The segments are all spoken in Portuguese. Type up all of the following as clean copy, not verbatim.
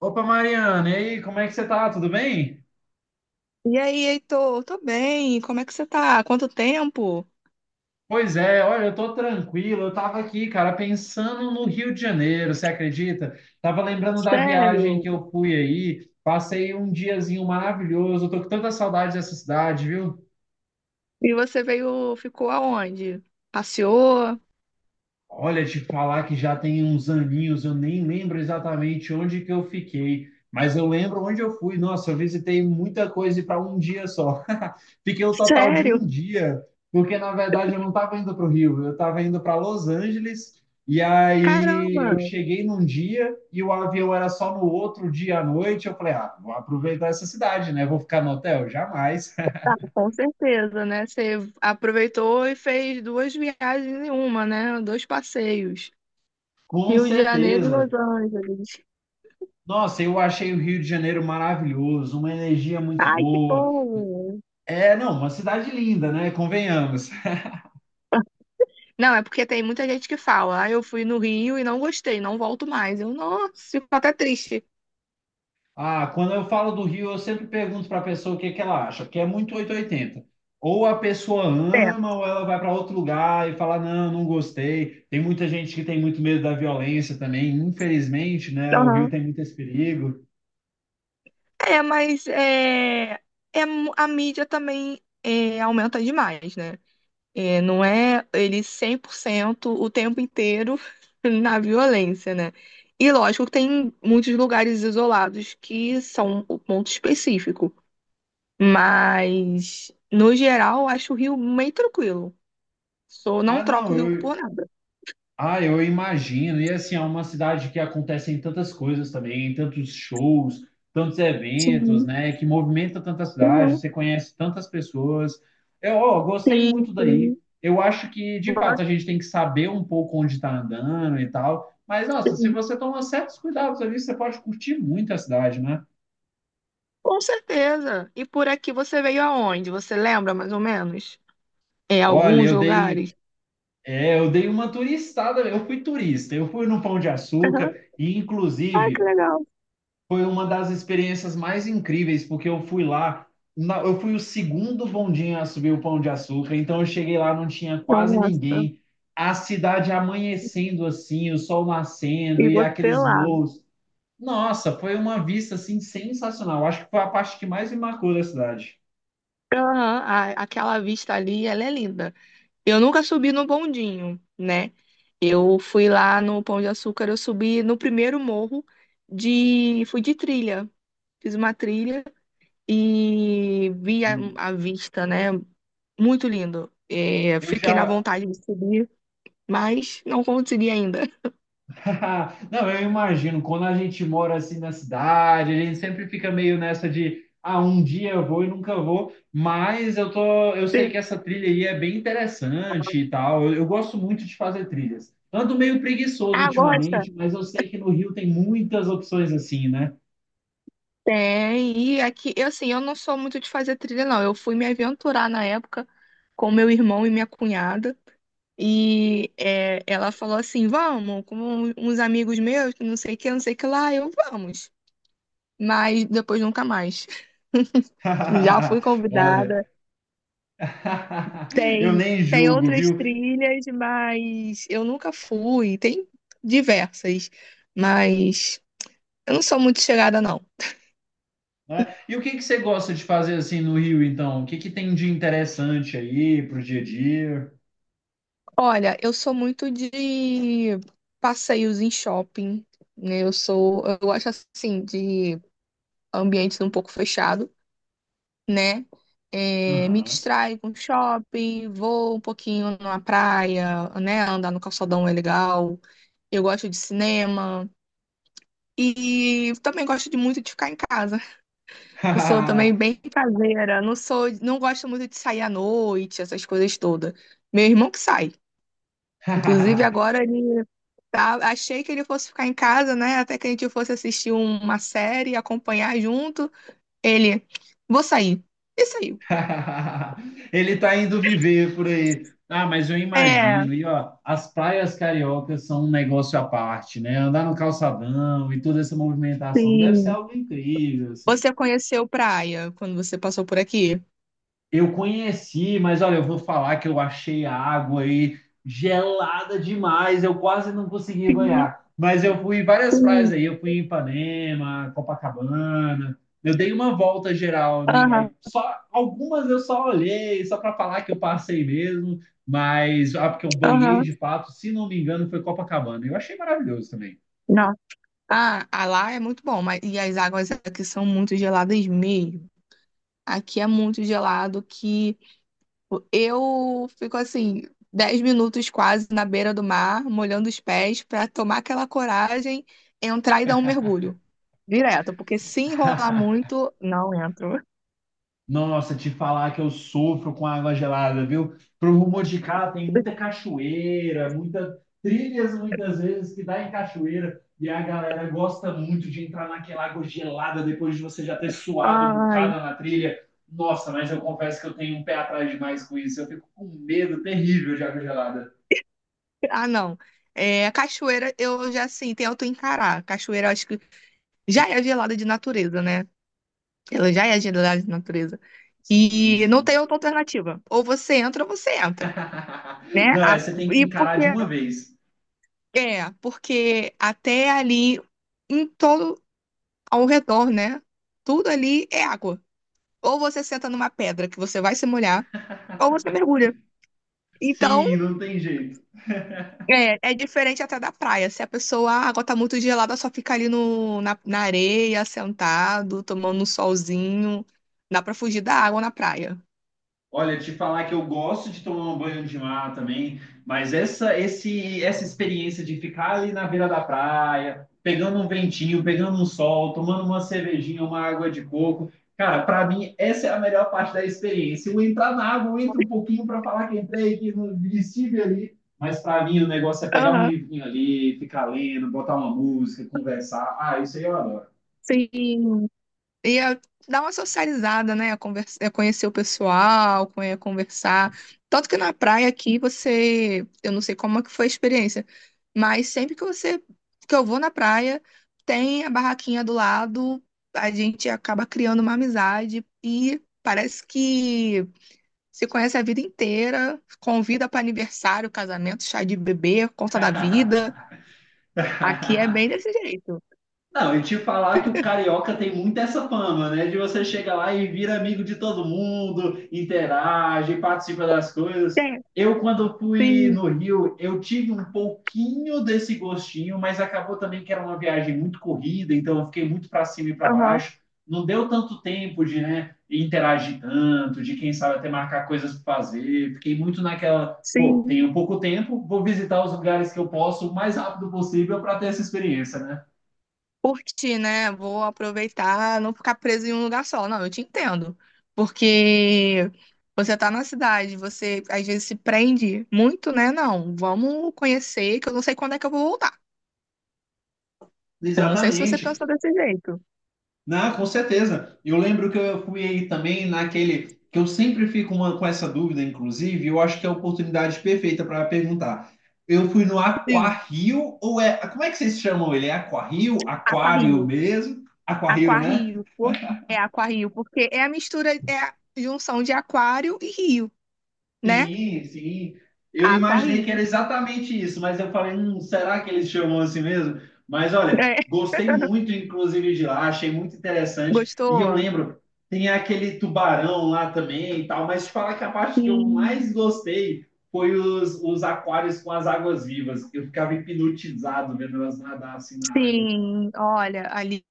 Opa, Mariana, e aí, como é que você tá? Tudo bem? E aí, Heitor, tô bem? Como é que você tá? Quanto tempo? Pois é, olha, eu tô tranquilo. Eu tava aqui, cara, pensando no Rio de Janeiro, você acredita? Tava lembrando da viagem Sério? que eu fui aí, passei um diazinho maravilhoso. Eu tô com tanta saudade dessa cidade, viu? E você veio, ficou aonde? Passeou? Olha, te falar que já tem uns aninhos, eu nem lembro exatamente onde que eu fiquei, mas eu lembro onde eu fui. Nossa, eu visitei muita coisa para um dia só. Fiquei um total de Sério? um dia, porque na verdade eu não estava indo para o Rio, eu estava indo para Los Angeles. E aí eu Caramba! cheguei num dia e o avião era só no outro dia à noite. Eu falei, ah, vou aproveitar essa cidade, né? Vou ficar no hotel? Jamais. Ah, com certeza, né? Você aproveitou e fez duas viagens em uma, né? Dois passeios. Com Rio de Janeiro e Los certeza. Angeles. Nossa, eu achei o Rio de Janeiro maravilhoso, uma energia muito Ai, que boa. bom! É, não, uma cidade linda, né? Convenhamos. Não, é porque tem muita gente que fala, ah, eu fui no Rio e não gostei, não volto mais. Eu, nossa, fico até triste. Ah, quando eu falo do Rio, eu sempre pergunto para a pessoa o que que ela acha, porque é muito 880. Ou a pessoa É. ama, ou ela vai para outro lugar e fala, não, não gostei. Tem muita gente que tem muito medo da violência também, infelizmente, né? O Rio Aham. tem muito esse perigo. É, mas a mídia também aumenta demais, né? É, não é ele 100% o tempo inteiro na violência, né? E lógico que tem muitos lugares isolados que são o ponto específico, mas no geral eu acho o Rio meio tranquilo. Sou, não Ah, troco não, o Rio por eu, nada. Ah, eu imagino. E assim, é uma cidade que acontecem tantas coisas também, tantos shows, tantos eventos, Sim, né? Que movimenta tanta cidade, uhum, você conhece tantas pessoas. Eu, ó, gostei sim, muito daí. sim. Eu acho que, de fato, a gente Gosto, tem que saber um pouco onde está andando e tal. Mas, nossa, se sim. você tomar certos cuidados ali, você pode curtir muito a cidade, né? Com certeza. E por aqui você veio aonde? Você lembra mais ou menos? É, Olha, alguns eu dei, lugares. é, eu dei uma turistada, eu fui turista, eu fui no Pão de Aham. Açúcar, e Ah, que inclusive. legal. Foi uma das experiências mais incríveis, porque eu fui lá, eu fui o segundo bondinho a subir o Pão de Açúcar, então eu cheguei lá, não tinha quase Nossa. ninguém, a cidade amanhecendo assim, o sol nascendo E e você aqueles lá? morros. Nossa, foi uma vista assim sensacional. Acho que foi a parte que mais me marcou da cidade. Aham, aquela vista ali, ela é linda. Eu nunca subi no bondinho, né? Eu fui lá no Pão de Açúcar, eu subi no primeiro morro de, fui de trilha, fiz uma trilha e vi a vista, né? Muito lindo. É, Eu fiquei na já, vontade de subir, mas não consegui ainda. Não, eu imagino, quando a gente mora assim na cidade, a gente sempre fica meio nessa de, ah, um dia eu vou e nunca vou, mas eu tô, eu sei Sim. que essa trilha aí é bem interessante e tal. Eu gosto muito de fazer trilhas. Ando meio preguiçoso Ah, gosta? ultimamente, mas eu sei que no Rio tem muitas opções assim, né? Tem, e aqui, eu assim, eu não sou muito de fazer trilha, não. Eu fui me aventurar na época com meu irmão e minha cunhada. Ela falou assim: vamos, com uns amigos meus, que não sei o que, não sei o que lá, eu vamos. Mas depois nunca mais. Já fui convidada. Olha, eu Tem, nem tem julgo, outras viu? trilhas, mas eu nunca fui. Tem diversas, mas eu não sou muito chegada, não. Né? E o que que você gosta de fazer assim no Rio, então? O que que tem de interessante aí pro dia a dia? Olha, eu sou muito de passeios em shopping, né? Eu sou, eu gosto assim de ambientes um pouco fechado, né? É, me Aham. distraio com shopping, vou um pouquinho na praia, né? Andar no calçadão é legal. Eu gosto de cinema e também gosto de muito de ficar em casa. Eu sou também bem caseira, não sou, não gosto muito de sair à noite, essas coisas todas. Meu irmão que sai. Inclusive agora ele Tá, achei que ele fosse ficar em casa, né? Até que a gente fosse assistir uma série, acompanhar junto. Ele, vou sair. E saiu. Ele tá indo viver por aí. Ah, mas eu É, imagino. E ó, as praias cariocas são um negócio à parte, né? Andar no calçadão e toda essa movimentação deve ser sim, algo incrível, assim. você conheceu praia quando você passou por aqui? Eu conheci, mas olha, eu vou falar que eu achei a água aí gelada demais, eu quase não consegui Sim, banhar. Mas eu fui em várias praias sim. aí, eu fui em Ipanema, Copacabana, eu dei uma volta geral, Aham, só algumas eu só olhei, só para falar que eu passei mesmo, mas ah, porque eu banhei aham. de fato, se não me engano, foi Copacabana. Eu achei maravilhoso também. Nossa, ah, a lá é muito bom, mas e as águas aqui são muito geladas mesmo. Aqui é muito gelado que eu fico assim, 10 minutos quase na beira do mar, molhando os pés, para tomar aquela coragem, entrar e dar um mergulho. Direto, porque se enrolar muito, não entro. Nossa, te falar que eu sofro com água gelada, viu? Pro rumo de cá tem muita cachoeira, muita trilhas muitas vezes que dá em cachoeira e a galera gosta muito de entrar naquela água gelada depois de você já ter suado um Ai. bocado na trilha. Nossa, mas eu confesso que eu tenho um pé atrás demais com isso. Eu fico com medo terrível de água gelada. Ah, não. É, a cachoeira, eu já assim, tento encarar. A cachoeira, eu acho que já é gelada de natureza, né? Ela já é gelada de natureza. Sim, E não sim. tem outra alternativa. Ou você entra, né? Não, essa você tem que E encarar porque. de uma vez. É, porque até ali, em todo ao redor, né? Tudo ali é água. Ou você senta numa pedra que você vai se molhar, ou você mergulha. Então, Sim, não tem jeito. é, diferente até da praia. Se a pessoa, ah, a água tá muito gelada, só fica ali no, na, na areia, sentado, tomando um solzinho. Dá pra fugir da água na praia. Olha, te falar que eu gosto de tomar um banho de mar também, mas essa experiência de ficar ali na beira da praia, pegando um ventinho, pegando um sol, tomando uma cervejinha, uma água de coco, cara, pra mim essa é a melhor parte da experiência. Eu entrar na água, eu entro um pouquinho pra falar que entrei, que não estive ali, mas pra mim o negócio é pegar um Aham, livrinho ali, ficar lendo, botar uma música, conversar. Ah, isso aí eu adoro. sim. Ia dar uma socializada, né? Ia ia conhecer o pessoal, ia conversar. Tanto que na praia aqui você, eu não sei como é que foi a experiência, mas sempre que eu vou na praia, tem a barraquinha do lado, a gente acaba criando uma amizade e parece que se conhece a vida inteira, convida para aniversário, casamento, chá de bebê, conta da vida. Aqui é bem desse jeito. Não, e te falar que o carioca tem muito essa fama, né? De você chegar lá e vira amigo de todo mundo, interage, participa das coisas. Tem, Eu, quando fui sim, no Rio, eu tive um pouquinho desse gostinho, mas acabou também que era uma viagem muito corrida, então eu fiquei muito para cima e para aham, baixo. Não deu tanto tempo de, né, interagir tanto, de quem sabe até marcar coisas para fazer. Fiquei muito naquela, pô, sim. tenho pouco tempo, vou visitar os lugares que eu posso o mais rápido possível para ter essa experiência, né? Curtir, né? Vou aproveitar, não ficar preso em um lugar só. Não, eu te entendo. Porque você tá na cidade, você às vezes se prende muito, né? Não, vamos conhecer, que eu não sei quando é que eu vou voltar. Eu não sei se você Exatamente. pensa desse jeito. Não, com certeza. Eu lembro que eu fui aí também naquele que eu sempre fico com essa dúvida, inclusive, eu acho que é a oportunidade perfeita para perguntar. Eu fui no Sim, Aquario ou é, como é que vocês chamam ele? É Aquario? Aquário aquarrio, mesmo? Aquario, né? aquarrio, é aquarrio, porque é a mistura, é a junção de aquário e rio, né? Sim, sim. Eu imaginei que era Aquarrio. exatamente isso, mas eu falei, será que eles chamam assim mesmo? Mas olha, É. gostei muito, inclusive, de lá, achei muito interessante. E eu Gostou? lembro, tem aquele tubarão lá também e tal, mas te falar que a parte que eu Sim. mais gostei foi os aquários com as águas vivas. Eu ficava hipnotizado vendo elas nadar assim na água. Sim, olha, ali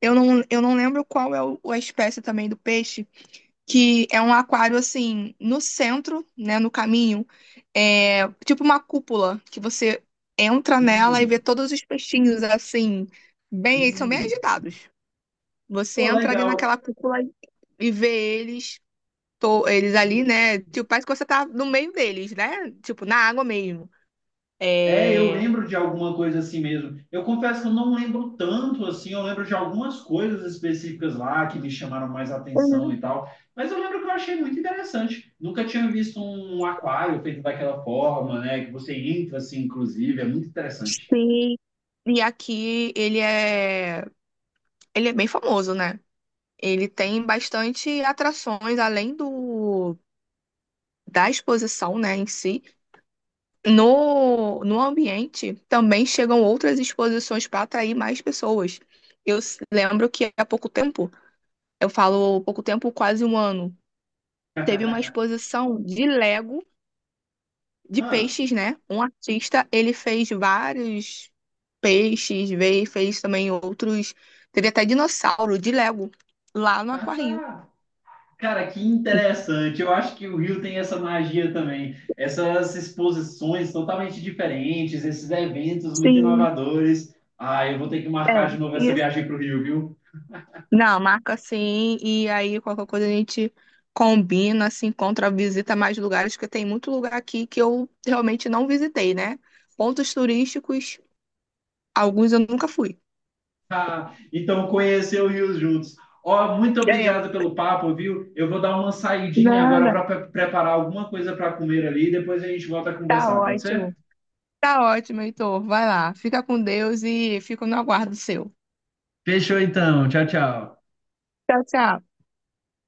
eu não lembro qual é a espécie também do peixe, que é um aquário assim, no centro, né, no caminho, é tipo uma cúpula, que você entra nela e vê Hum, todos os peixinhos assim, bem, eles são bem hum. agitados. Você Pô, entra ali legal. naquela cúpula e vê eles, eles ali, né? Tipo, parece que você tá no meio deles, né? Tipo, na água mesmo. É, eu É... lembro de alguma coisa assim mesmo. Eu confesso que eu não lembro tanto assim, eu lembro de algumas coisas específicas lá que me chamaram mais atenção Uhum. e tal. Mas eu lembro que eu achei muito interessante. Nunca tinha visto um aquário feito daquela forma, né? Que você entra assim, inclusive, é muito interessante. Sim, e aqui ele é. Ele é bem famoso, né? Ele tem bastante atrações além do da exposição, né, em si. No ambiente também chegam outras exposições para atrair mais pessoas. Eu lembro que há pouco tempo, eu falo pouco tempo, quase um ano, teve uma exposição de Lego de Ah, peixes, né? Um artista, ele fez vários peixes, veio, fez também outros, teve até dinossauro de Lego lá no Aquário. cara, que interessante. Eu acho que o Rio tem essa magia também. Essas exposições totalmente diferentes, esses eventos muito Sim. inovadores. Ah, eu vou ter que É, marcar de novo essa isso. viagem para o Rio, viu? Não, marca assim, e aí qualquer coisa a gente combina, se encontra, visita mais lugares, porque tem muito lugar aqui que eu realmente não visitei, né? Pontos turísticos, alguns eu nunca fui. Ah, então conhecer o Rio juntos. Ó, muito É, obrigado pelo papo, viu? Eu vou dar uma saidinha agora nada. para preparar alguma coisa para comer ali, depois a gente volta a Tá conversar, pode ser? ótimo. Tá ótimo, Heitor. Vai lá. Fica com Deus e fico no aguardo seu. Fechou então. Tchau, tchau. Tchau, tchau.